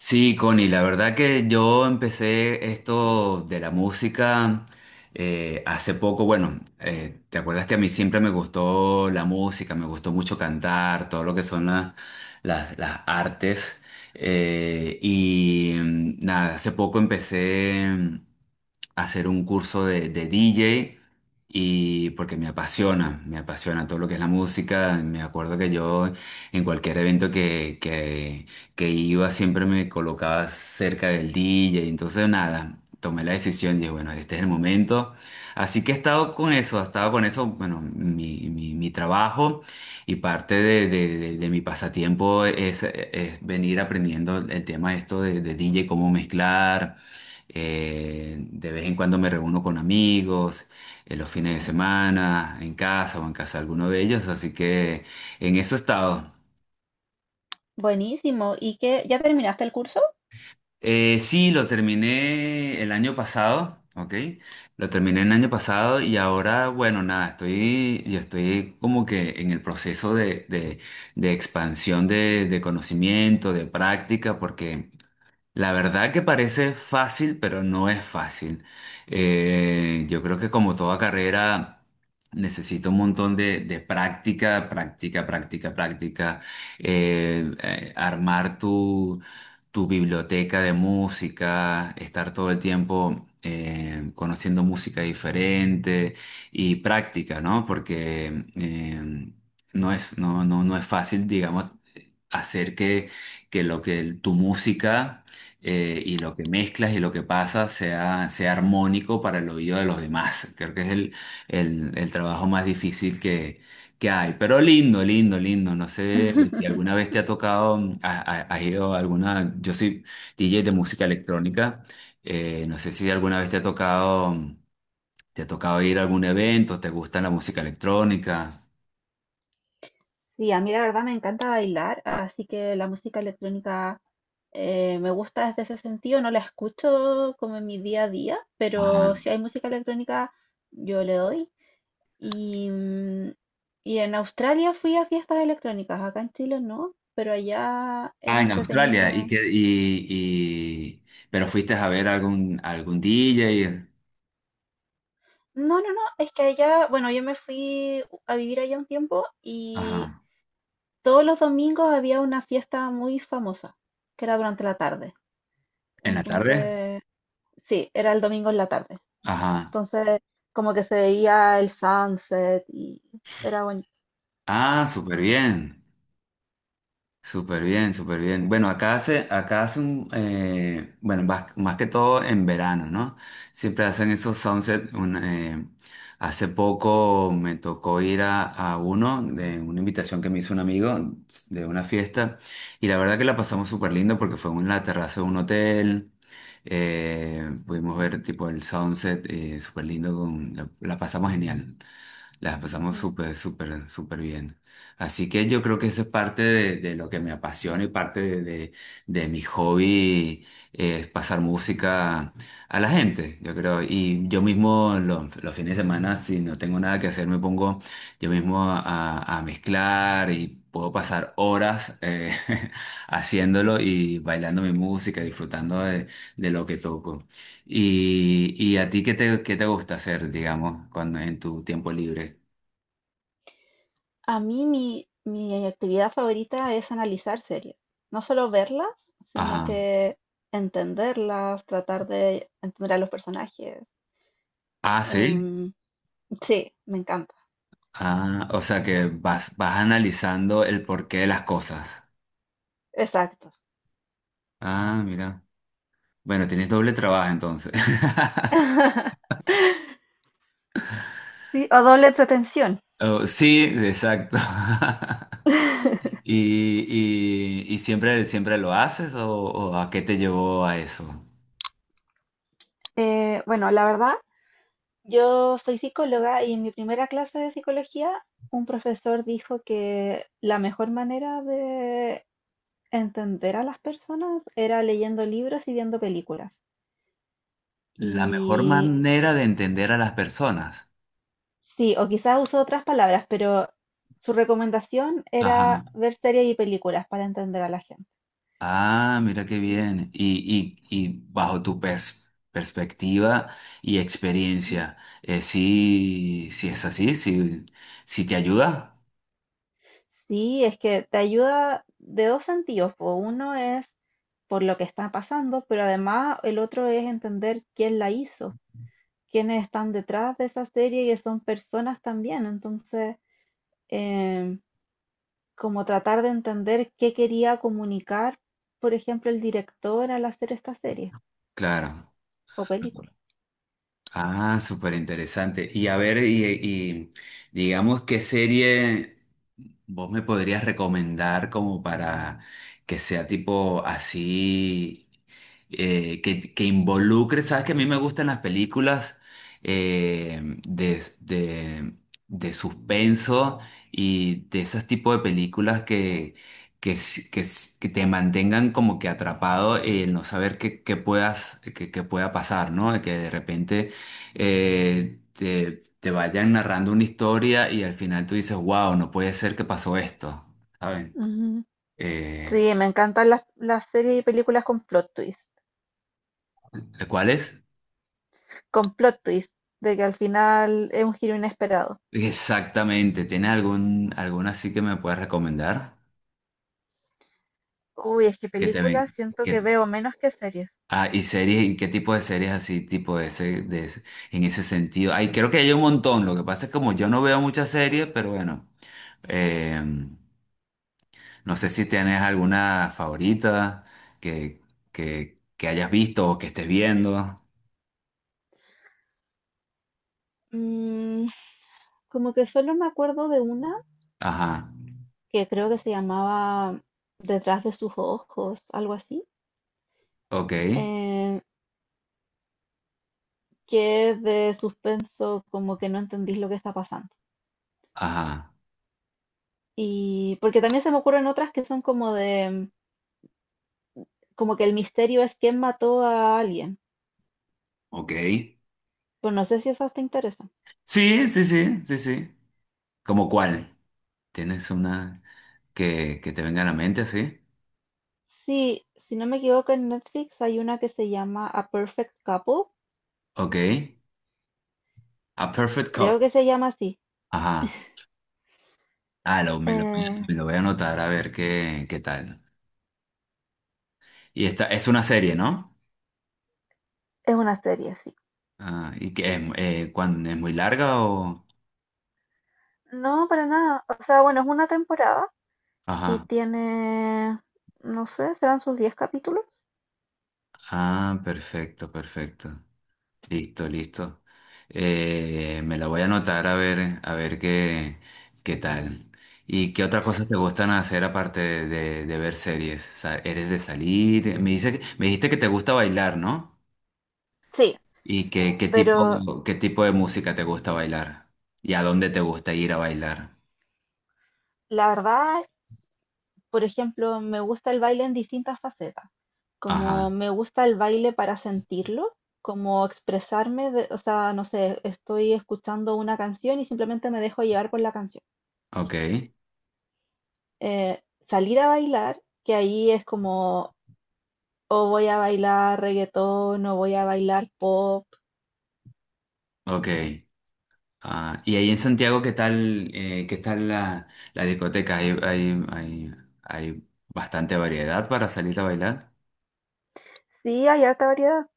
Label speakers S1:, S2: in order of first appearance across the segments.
S1: Sí, Connie, la verdad que yo empecé esto de la música hace poco. Bueno, ¿te acuerdas que a mí siempre me gustó la música, me gustó mucho cantar, todo lo que son las artes? Nada, hace poco empecé a hacer un curso de DJ y porque me apasiona todo lo que es la música. Me acuerdo que yo en cualquier evento que iba siempre me colocaba cerca del DJ, y entonces nada, tomé la decisión, dije, bueno, este es el momento. Así que he estado con eso, he estado con eso, bueno, mi trabajo y parte de mi pasatiempo es venir aprendiendo el tema esto de DJ, cómo mezclar. De vez en cuando me reúno con amigos, en los fines de semana, en casa o en casa de alguno de ellos, así que en eso he estado.
S2: Buenísimo. ¿Y qué? ¿Ya terminaste el curso?
S1: Sí, lo terminé el año pasado, ¿ok? Lo terminé el año pasado y ahora, bueno, nada, estoy, yo estoy como que en el proceso de expansión de conocimiento, de práctica, porque la verdad que parece fácil, pero no es fácil. Yo creo que como toda carrera necesito un montón de práctica, práctica, práctica, práctica. Armar tu biblioteca de música, estar todo el tiempo conociendo música diferente y práctica, ¿no? Porque no es fácil, digamos, hacer que que lo que tu música lo que mezclas y lo que pasa sea armónico para el oído de los demás. Creo que es el trabajo más difícil que hay, pero lindo, lindo, lindo. No sé si alguna vez te ha tocado, has ido a alguna, yo soy DJ de música electrónica, no sé si alguna vez te ha tocado, te ha tocado ir a algún evento, te gusta la música electrónica.
S2: Sí, a mí la verdad me encanta bailar, así que la música electrónica me gusta desde ese sentido. No la escucho como en mi día a día, pero
S1: Ajá.
S2: si hay música electrónica, yo le doy. Y, y en Australia fui a fiestas electrónicas, acá en Chile no, pero allá
S1: Ah,
S2: era
S1: en
S2: entretenido.
S1: Australia, pero fuiste a ver algún DJ.
S2: No, no, no, es que allá, bueno, yo me fui a vivir allá un tiempo y
S1: Ajá.
S2: todos los domingos había una fiesta muy famosa, que era durante la tarde.
S1: ¿En la tarde?
S2: Entonces, sí, era el domingo en la tarde.
S1: Ajá.
S2: Entonces, como que se veía el sunset y era bonito.
S1: Ah, súper bien. Súper bien, súper bien. Bueno, acá hace un, bueno, más que todo en verano, ¿no? Siempre hacen esos sunset. Un, hace poco me tocó ir a uno de una invitación que me hizo un amigo de una fiesta y la verdad que la pasamos súper lindo porque fue en la terraza de un hotel. Pudimos ver tipo el sunset, súper lindo, con, la pasamos genial. Las pasamos
S2: Mm.
S1: súper, súper, súper bien. Así que yo creo que eso es parte de lo que me apasiona y parte de mi hobby, es pasar música a la gente, yo creo. Y yo mismo los fines de semana, si no tengo nada que hacer, me pongo yo mismo a mezclar y puedo pasar horas haciéndolo y bailando mi música, disfrutando de lo que toco. ¿Y a ti qué te gusta hacer, digamos, cuando en tu tiempo libre?
S2: A mí mi actividad favorita es analizar series. No solo verlas, sino
S1: Ajá.
S2: que entenderlas, tratar de entender a los personajes.
S1: Ah, sí.
S2: Em, sí, me encanta.
S1: Ah, o sea que vas analizando el porqué de las cosas.
S2: Exacto.
S1: Ah, mira. Bueno, tienes doble trabajo entonces.
S2: Sí, o doble entretención.
S1: Oh, sí, exacto. ¿Y siempre, siempre lo haces o a qué te llevó a eso?
S2: Bueno, la verdad, yo soy psicóloga y en mi primera clase de psicología un profesor dijo que la mejor manera de entender a las personas era leyendo libros y viendo películas.
S1: La mejor
S2: Y
S1: manera de entender a las personas.
S2: sí, o quizás usó otras palabras, pero su recomendación
S1: Ajá.
S2: era ver series y películas para entender a la gente.
S1: Ah, mira qué bien. Y bajo perspectiva y experiencia, sí, sí es así, sí, sí te ayuda,
S2: Sí, es que te ayuda de dos sentidos. Po. Uno es por lo que está pasando, pero además el otro es entender quién la hizo. Quienes están detrás de esa serie que son personas también. Entonces, eh, como tratar de entender qué quería comunicar, por ejemplo, el director al hacer esta serie
S1: claro.
S2: o película.
S1: Ah, súper interesante. Y a ver digamos, ¿qué serie vos me podrías recomendar como para que sea tipo así, que involucre, sabes que a mí me gustan las películas eh, de, de, de suspenso y de esos tipos de películas que te mantengan como que atrapado en no saber qué puedas, qué pueda pasar, ¿no? Que de repente te vayan narrando una historia y al final tú dices, wow, no puede ser que pasó esto, ¿saben?
S2: Ujú.
S1: Eh,
S2: Sí, me encantan las series y películas
S1: ¿Cuál es?
S2: con plot twist, de que al final es un giro inesperado.
S1: Exactamente, ¿tienes alguna así que me puedes recomendar?
S2: Uy, es que
S1: Que te
S2: películas
S1: ven,
S2: siento
S1: que,
S2: que veo menos que series.
S1: ah, y series, ¿y qué tipo de series así, tipo de ese- en ese sentido? Ay, creo que hay un montón, lo que pasa es que como yo no veo muchas series, pero bueno, eh, no sé si tienes alguna favorita que, que hayas visto o que estés viendo.
S2: Mm, como que solo me acuerdo de una
S1: Ajá,
S2: que creo que se llamaba Detrás de sus ojos, algo así.
S1: ok,
S2: Eh, que es de suspenso, como que no entendís lo que está pasando.
S1: ajá,
S2: Y porque también se me ocurren otras que son como de, como que el misterio es quién mató a alguien.
S1: ok.
S2: Pues no sé si esas te interesan.
S1: Sí, sí, sí, sí, sí. ¿Cómo cuál? ¿Tienes una que te venga a la mente así?
S2: Sí, si no me equivoco, en Netflix hay una que se llama A Perfect Couple.
S1: Ok, A Perfect Cup.
S2: Creo que se llama así.
S1: Ajá, ah, lo, me lo, voy a
S2: Eh,
S1: me lo voy a anotar a ver qué, qué tal. Y esta es una serie, ¿no?
S2: es una serie, sí.
S1: Ah, ¿y que es, es muy larga o...?
S2: No, para nada. O sea, bueno, es una temporada y
S1: Ajá,
S2: tiene, no sé, serán sus 10 capítulos.
S1: ah, perfecto, perfecto. Listo, listo. Me la voy a anotar a ver qué, qué tal. ¿Y qué otras cosas te gustan hacer aparte de ver series? O sea, ¿eres de salir? Me dijiste que te gusta bailar, ¿no?
S2: Sí,
S1: ¿Qué
S2: pero
S1: tipo, qué tipo de música te gusta bailar? ¿Y a dónde te gusta ir a bailar?
S2: la verdad, por ejemplo, me gusta el baile en distintas facetas. Como
S1: Ajá,
S2: me gusta el baile para sentirlo, como expresarme, de- o sea, no sé, estoy escuchando una canción y simplemente me dejo llevar por la canción.
S1: ok,
S2: Eh, salir a bailar, que ahí es como, o voy a bailar reggaetón, o voy a bailar pop.
S1: ok. Ah, y ahí en Santiago, ¿qué tal la, la discoteca? ¿Hay bastante variedad para salir a bailar?
S2: Sí, hay harta variedad.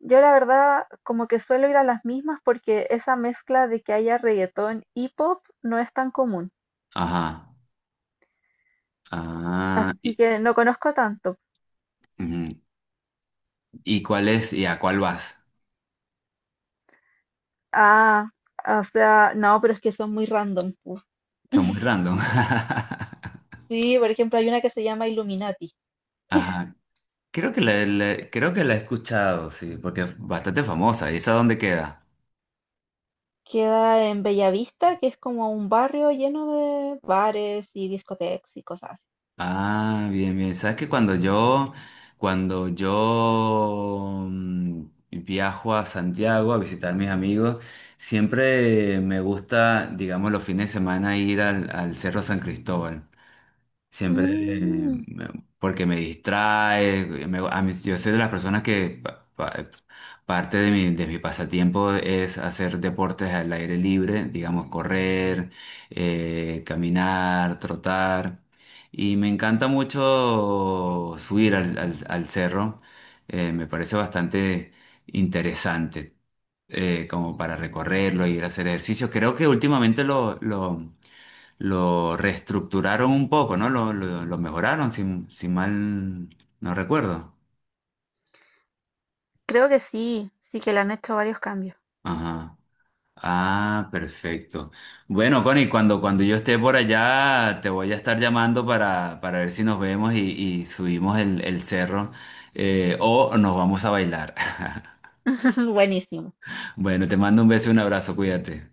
S2: Yo la verdad como que suelo ir a las mismas porque esa mezcla de que haya reggaetón y pop no es tan común,
S1: Ajá. Ah,
S2: así
S1: y,
S2: que no conozco tanto.
S1: ujú. ¿Y a cuál vas?
S2: Ah, o sea, no, pero es que son muy random. Pu.
S1: Son muy random.
S2: Sí, por ejemplo, hay una que se llama Illuminati.
S1: Ajá. Creo que creo que la he escuchado, sí, porque es bastante famosa. ¿Y esa dónde queda?
S2: Queda en Bellavista, que es como un barrio lleno de bares y discotecas y cosas así.
S1: Ah, bien, bien. Sabes que cuando yo viajo a Santiago a visitar a mis amigos, siempre me gusta, digamos, los fines de semana ir al Cerro San Cristóbal. Siempre,
S2: Mm,
S1: me- porque me distrae, yo soy de las personas que parte de mi pasatiempo es hacer deportes al aire libre, digamos correr, caminar, trotar, y me encanta mucho subir al cerro, me parece bastante interesante, como para recorrerlo, y ir a hacer ejercicio. Creo que últimamente lo reestructuraron un poco, ¿no? Lo mejoraron, si, si mal no recuerdo.
S2: creo que sí, sí que le han hecho varios cambios.
S1: Ajá. Ah, perfecto. Bueno, Connie, cuando yo esté por allá, te voy a estar llamando para ver si nos vemos y subimos el cerro o nos vamos a bailar.
S2: Buenísimo.
S1: Bueno, te mando un beso y un abrazo, cuídate.